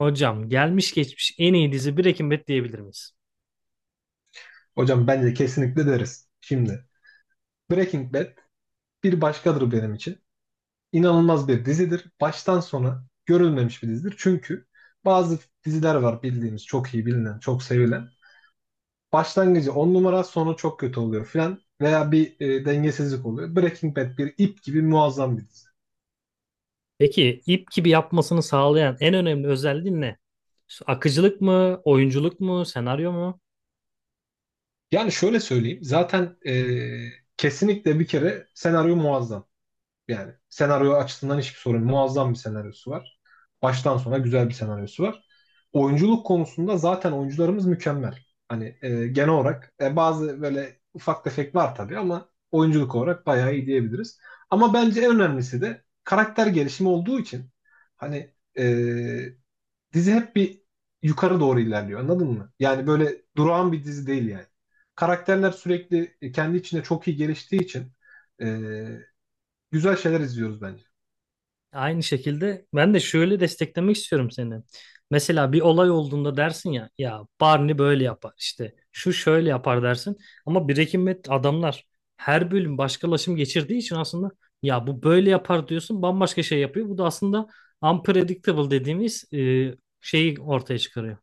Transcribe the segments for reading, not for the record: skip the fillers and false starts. Hocam gelmiş geçmiş en iyi dizi Breaking Bad diyebilir miyiz? Hocam bence kesinlikle deriz. Şimdi Breaking Bad bir başkadır benim için. İnanılmaz bir dizidir. Baştan sona görülmemiş bir dizidir. Çünkü bazı diziler var bildiğimiz çok iyi bilinen, çok sevilen. Başlangıcı 10 numara, sonu çok kötü oluyor filan veya bir dengesizlik oluyor. Breaking Bad bir ip gibi muazzam bir dizi. Peki ip gibi yapmasını sağlayan en önemli özelliği ne? İşte akıcılık mı, oyunculuk mu, senaryo mu? Yani şöyle söyleyeyim. Zaten kesinlikle bir kere senaryo muazzam. Yani senaryo açısından hiçbir sorun. Muazzam bir senaryosu var. Baştan sona güzel bir senaryosu var. Oyunculuk konusunda zaten oyuncularımız mükemmel. Hani genel olarak bazı böyle ufak tefek var tabii ama oyunculuk olarak bayağı iyi diyebiliriz. Ama bence en önemlisi de karakter gelişimi olduğu için hani dizi hep bir yukarı doğru ilerliyor anladın mı? Yani böyle durağan bir dizi değil yani. Karakterler sürekli kendi içinde çok iyi geliştiği için e, güzel şeyler izliyoruz bence. Aynı şekilde ben de şöyle desteklemek istiyorum seni. Mesela bir olay olduğunda dersin ya, ya Barney böyle yapar işte, şu şöyle yapar dersin. Ama Breaking Bad adamlar her bölüm başkalaşım geçirdiği için aslında ya bu böyle yapar diyorsun, bambaşka şey yapıyor. Bu da aslında unpredictable dediğimiz şeyi ortaya çıkarıyor.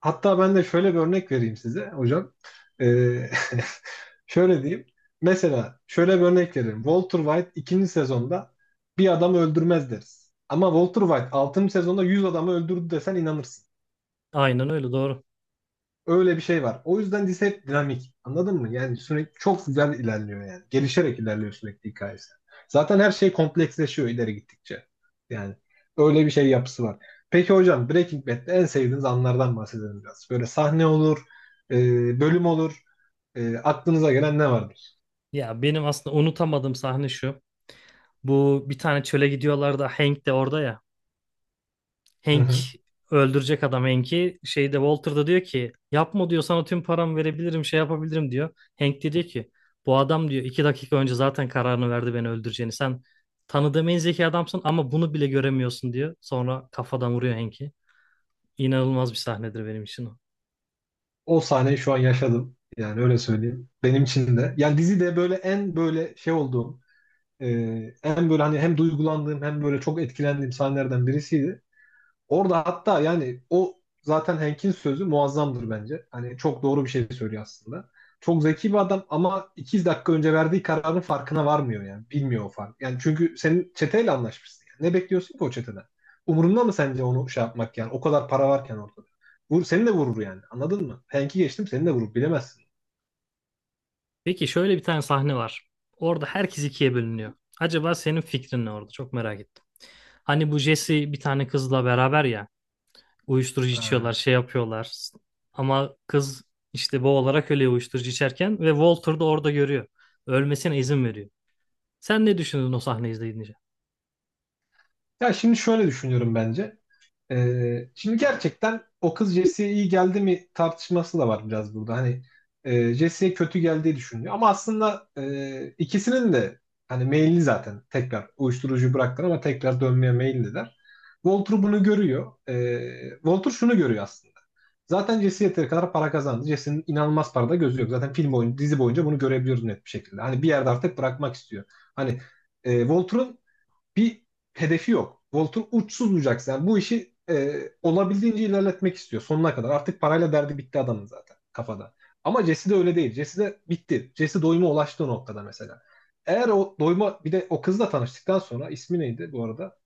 Hatta ben de şöyle bir örnek vereyim size hocam. Ee, şöyle diyeyim. Mesela şöyle bir örnek vereyim. Walter White ikinci sezonda bir adamı öldürmez deriz. Ama Walter White altıncı sezonda 100 adamı öldürdü desen inanırsın. Aynen öyle, doğru. Öyle bir şey var. O yüzden dizi hep dinamik. Anladın mı? Yani sürekli çok güzel ilerliyor yani. Gelişerek ilerliyor sürekli hikayesi. Zaten her şey kompleksleşiyor ileri gittikçe. Yani öyle bir şey yapısı var. Peki hocam Breaking Bad'de en sevdiğiniz anlardan bahsedelim biraz. Böyle sahne olur, bölüm olur. Aklınıza gelen ne vardır? Ya benim aslında unutamadığım sahne şu. Bu bir tane çöle gidiyorlar da Hank de orada ya. Hı Hank hı. öldürecek adam Hank'i. Şeyde Walter da diyor ki yapma diyor, sana tüm paramı verebilirim, şey yapabilirim diyor. Hank de diyor ki bu adam diyor 2 dakika önce zaten kararını verdi beni öldüreceğini. Sen tanıdığım en zeki adamsın ama bunu bile göremiyorsun diyor. Sonra kafadan vuruyor Hank'i. İnanılmaz bir sahnedir benim için o. O sahneyi şu an yaşadım. Yani öyle söyleyeyim. Benim için de. Yani dizide böyle en böyle şey olduğum, e, en böyle hani hem duygulandığım hem böyle çok etkilendiğim sahnelerden birisiydi. Orada hatta yani o zaten Hank'in sözü muazzamdır bence. Hani çok doğru bir şey söylüyor aslında. Çok zeki bir adam ama 2 dakika önce verdiği kararın farkına varmıyor yani. Bilmiyor o fark. Yani çünkü senin çeteyle anlaşmışsın. Yani. Ne bekliyorsun ki o çeteden? Umurunda mı sence onu şey yapmak yani? O kadar para varken ortada. Vur, seni de vurur yani. Anladın mı? Hank'i geçtim seni de vurur. Bilemezsin. Peki şöyle bir tane sahne var. Orada herkes ikiye bölünüyor. Acaba senin fikrin ne orada? Çok merak ettim. Hani bu Jesse bir tane kızla beraber ya, uyuşturucu içiyorlar, Ee, şey yapıyorlar. Ama kız işte boğularak ölüyor uyuşturucu içerken ve Walter da orada görüyor. Ölmesine izin veriyor. Sen ne düşündün o sahneyi izleyince? Ya şimdi şöyle düşünüyorum bence. Şimdi gerçekten o kız Jesse'ye iyi geldi mi tartışması da var biraz burada. Hani Jesse'ye kötü geldiği düşünülüyor. Ama aslında ikisinin de hani meyilli zaten tekrar uyuşturucuyu bıraktılar ama tekrar dönmeye meyilliler. Walter bunu görüyor. Walter şunu görüyor aslında. Zaten Jesse yeteri kadar para kazandı. Jesse'nin inanılmaz parada gözü yok. Zaten film boyunca, dizi boyunca bunu görebiliyoruz net bir şekilde. Hani bir yerde artık bırakmak istiyor. Hani Walter'ın bir hedefi yok. Walter uçsuz bucak yani bu işi olabildiğince ilerletmek istiyor sonuna kadar. Artık parayla derdi bitti adamın zaten kafada. Ama Jesse de öyle değil. Jesse de bitti. Jesse doyuma ulaştı o noktada mesela. Eğer o doyuma bir de o kızla tanıştıktan sonra ismi neydi bu arada?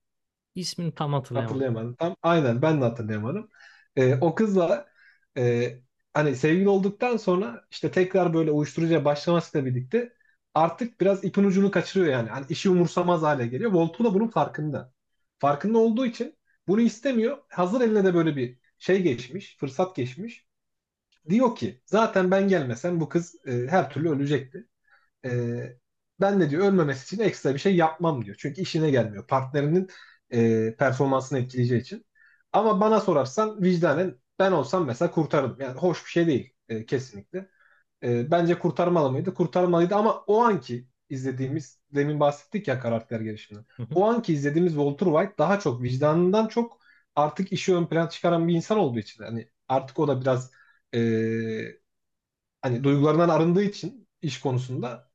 İsmini tam hatırlayamadım. Hatırlayamadım. Tam aynen ben de hatırlayamadım. O kızla e, hani sevgili olduktan sonra işte tekrar böyle uyuşturucuya başlamasıyla birlikte artık biraz ipin ucunu kaçırıyor yani. Hani işi umursamaz hale geliyor. Voltu da bunun farkında. Farkında olduğu için bunu istemiyor. Hazır eline de böyle bir şey geçmiş, fırsat geçmiş. Diyor ki zaten ben gelmesem bu kız her türlü ölecekti. Ee, Ben de diyor ölmemesi için ekstra bir şey yapmam diyor. Çünkü işine gelmiyor. Partnerinin performansını etkileyeceği için. Ama bana sorarsan vicdanen ben olsam mesela kurtarırım. Yani hoş bir şey değil kesinlikle. Bence kurtarmalı mıydı? Kurtarmalıydı ama o anki izlediğimiz, demin bahsettik ya karakter gelişiminden. Hı hı. O anki izlediğimiz Walter White daha çok vicdanından çok artık işi ön plana çıkaran bir insan olduğu için. Hani artık o da biraz e, hani duygularından arındığı için iş konusunda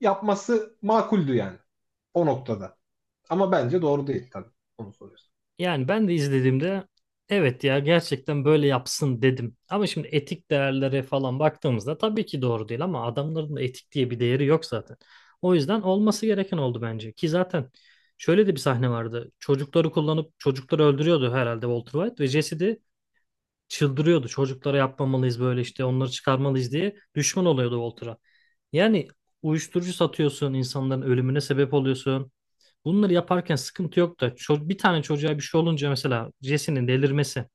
yapması makuldü yani o noktada. Ama bence doğru değil tabii onu soruyorsun. Yani ben de izlediğimde evet ya, gerçekten böyle yapsın dedim. Ama şimdi etik değerlere falan baktığımızda tabii ki doğru değil ama adamların da etik diye bir değeri yok zaten. O yüzden olması gereken oldu bence. Ki zaten şöyle de bir sahne vardı. Çocukları kullanıp çocukları öldürüyordu herhalde Walter White ve Jesse de çıldırıyordu. Çocuklara yapmamalıyız böyle, işte onları çıkarmalıyız diye düşman oluyordu Walter'a. Yani uyuşturucu satıyorsun, insanların ölümüne sebep oluyorsun. Bunları yaparken sıkıntı yok da bir tane çocuğa bir şey olunca mesela Jesse'nin delirmesi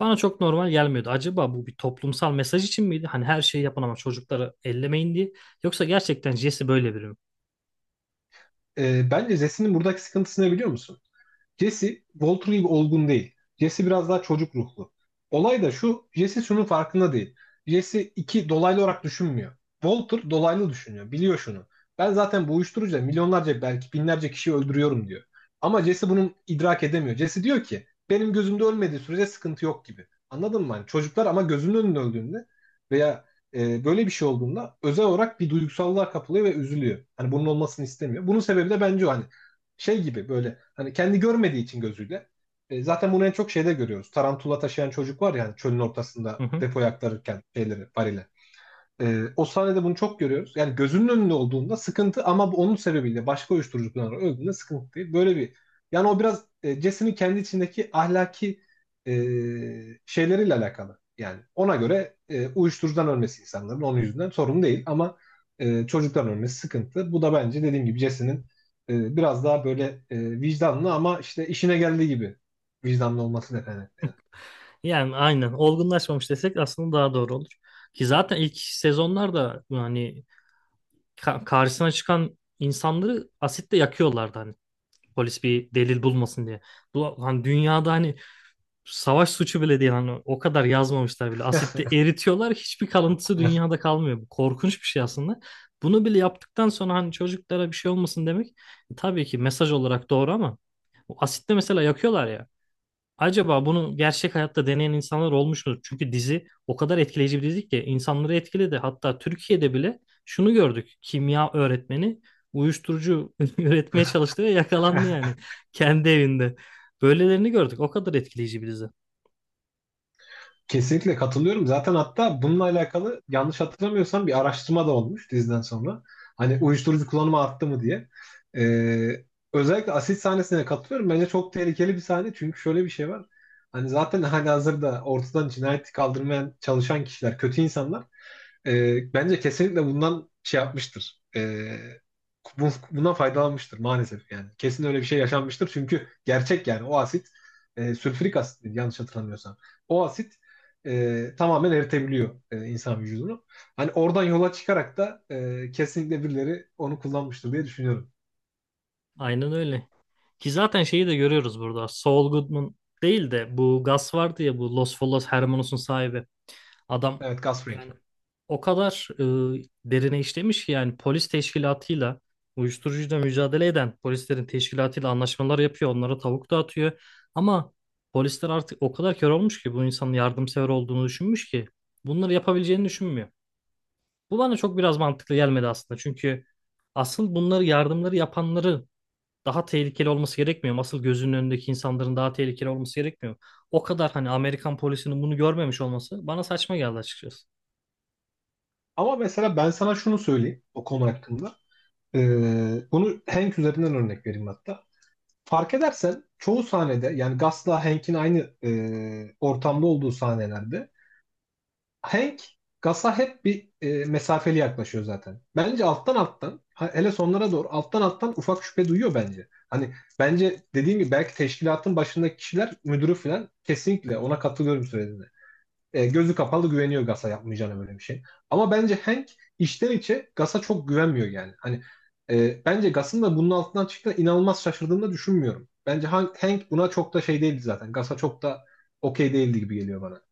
bana çok normal gelmiyordu. Acaba bu bir toplumsal mesaj için miydi? Hani her şeyi yapın ama çocukları ellemeyin diye. Yoksa gerçekten Jesse böyle biri mi? Bence Zesin'in buradaki sıkıntısı ne biliyor musun? Jesse Walter gibi olgun değil. Jesse biraz daha çocuk ruhlu. Olay da şu, Jesse şunun farkında değil. Jesse iki dolaylı olarak düşünmüyor. Walter dolaylı düşünüyor, biliyor şunu. Ben zaten bu uyuşturucuyla milyonlarca belki binlerce kişi öldürüyorum diyor. Ama Jesse bunun idrak edemiyor. Jesse diyor ki benim gözümde ölmediği sürece sıkıntı yok gibi. Anladın mı? Hani çocuklar ama gözünün önünde öldüğünde veya böyle bir şey olduğunda özel olarak bir duygusallığa kapılıyor ve üzülüyor. Hani bunun olmasını istemiyor. Bunun sebebi de bence o. Hani şey gibi böyle hani kendi görmediği için gözüyle. Zaten bunu en çok şeyde görüyoruz. Tarantula taşıyan çocuk var ya hani çölün ortasında Hı hı. depoya aktarırken şeyleri, varili. O sahnede bunu çok görüyoruz. Yani gözünün önünde olduğunda sıkıntı ama bu onun sebebiyle başka uyuşturucu kullanarak öldüğünde sıkıntı değil. Böyle bir yani o biraz Jesse'nin kendi içindeki ahlaki e, şeyleriyle alakalı. Yani ona göre uyuşturucudan ölmesi insanların onun yüzünden sorun değil ama çocuktan ölmesi sıkıntı. Bu da bence dediğim gibi Jesse'nin biraz daha böyle vicdanlı ama işte işine geldiği gibi vicdanlı olması nedeni. Yani aynen, olgunlaşmamış desek aslında daha doğru olur. Ki zaten ilk sezonlarda hani karşısına çıkan insanları asitle yakıyorlardı hani polis bir delil bulmasın diye. Bu hani dünyada hani savaş suçu bile değil, hani o kadar yazmamışlar bile. Asitte eritiyorlar, hiçbir kalıntısı dünyada kalmıyor. Bu korkunç bir şey aslında. Bunu bile yaptıktan sonra hani çocuklara bir şey olmasın demek tabii ki mesaj olarak doğru ama o asitte mesela yakıyorlar ya. Acaba bunu gerçek hayatta deneyen insanlar olmuş mu? Çünkü dizi o kadar etkileyici bir dizi ki insanları etkiledi. Hatta Türkiye'de bile şunu gördük. Kimya öğretmeni uyuşturucu üretmeye çalıştı ve yakalandı yani kendi evinde. Böylelerini gördük. O kadar etkileyici bir dizi. Kesinlikle katılıyorum. Zaten hatta bununla alakalı yanlış hatırlamıyorsam bir araştırma da olmuş diziden sonra. Hani uyuşturucu kullanımı arttı mı diye. Ee, Özellikle asit sahnesine katılıyorum. Bence çok tehlikeli bir sahne. Çünkü şöyle bir şey var. Hani zaten halihazırda ortadan cinayeti kaldırmaya çalışan kişiler, kötü insanlar. E, bence kesinlikle bundan şey yapmıştır. Bundan faydalanmıştır maalesef yani. Kesin öyle bir şey yaşanmıştır çünkü gerçek yani o asit sülfürik asit miydi? Yanlış hatırlamıyorsam. O asit tamamen eritebiliyor insan vücudunu. Hani oradan yola çıkarak da kesinlikle birileri onu kullanmıştır diye düşünüyorum. Aynen öyle. Ki zaten şeyi de görüyoruz burada. Saul Goodman değil de bu Gus vardı ya, bu Los Feliz Hermanos'un sahibi. Adam Evet gas ring. yani o kadar derine işlemiş ki yani polis teşkilatıyla, uyuşturucuyla mücadele eden polislerin teşkilatıyla anlaşmalar yapıyor. Onlara tavuk dağıtıyor. Ama polisler artık o kadar kör olmuş ki bu insanın yardımsever olduğunu düşünmüş ki bunları yapabileceğini düşünmüyor. Bu bana çok biraz mantıklı gelmedi aslında. Çünkü asıl bunları, yardımları yapanları daha tehlikeli olması gerekmiyor mu? Asıl gözünün önündeki insanların daha tehlikeli olması gerekmiyor mu? O kadar hani Amerikan polisinin bunu görmemiş olması bana saçma geldi açıkçası. Ama mesela ben sana şunu söyleyeyim o konu hakkında. E, Bunu Hank üzerinden örnek vereyim hatta. Fark edersen çoğu sahnede yani Gus'la Hank'in aynı ortamda olduğu sahnelerde Hank Gus'a hep bir mesafeli yaklaşıyor zaten. Bence alttan alttan hele sonlara doğru alttan alttan ufak şüphe duyuyor bence. Hani bence dediğim gibi belki teşkilatın başındaki kişiler müdürü falan kesinlikle ona katılıyorum söylediğine. Gözü kapalı güveniyor Gas'a yapmayacağına böyle bir şey. Ama bence Hank içten içe Gas'a çok güvenmiyor yani. Hani bence Gas'ın da bunun altından çıktığına inanılmaz şaşırdığını da düşünmüyorum. Bence Hank buna çok da şey değildi zaten. Gas'a çok da okey değildi gibi geliyor bana.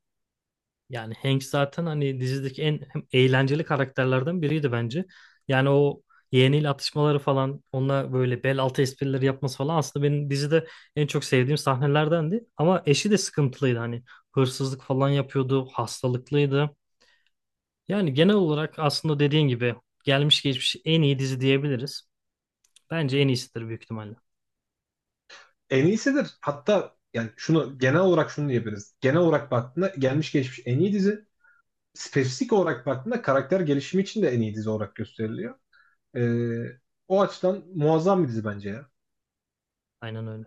Yani Hank zaten hani dizideki en hem eğlenceli karakterlerden biriydi bence. Yani o yeğeniyle atışmaları falan, onunla böyle bel altı esprileri yapması falan aslında benim dizide en çok sevdiğim sahnelerdendi. Ama eşi de sıkıntılıydı hani, hırsızlık falan yapıyordu, hastalıklıydı. Yani genel olarak aslında dediğin gibi gelmiş geçmiş en iyi dizi diyebiliriz. Bence en iyisidir büyük ihtimalle. En iyisidir. Hatta yani şunu genel olarak şunu diyebiliriz. Genel olarak baktığında gelmiş geçmiş en iyi dizi. Spesifik olarak baktığında karakter gelişimi için de en iyi dizi olarak gösteriliyor. Ee, O açıdan muazzam bir dizi bence ya. Aynen öyle.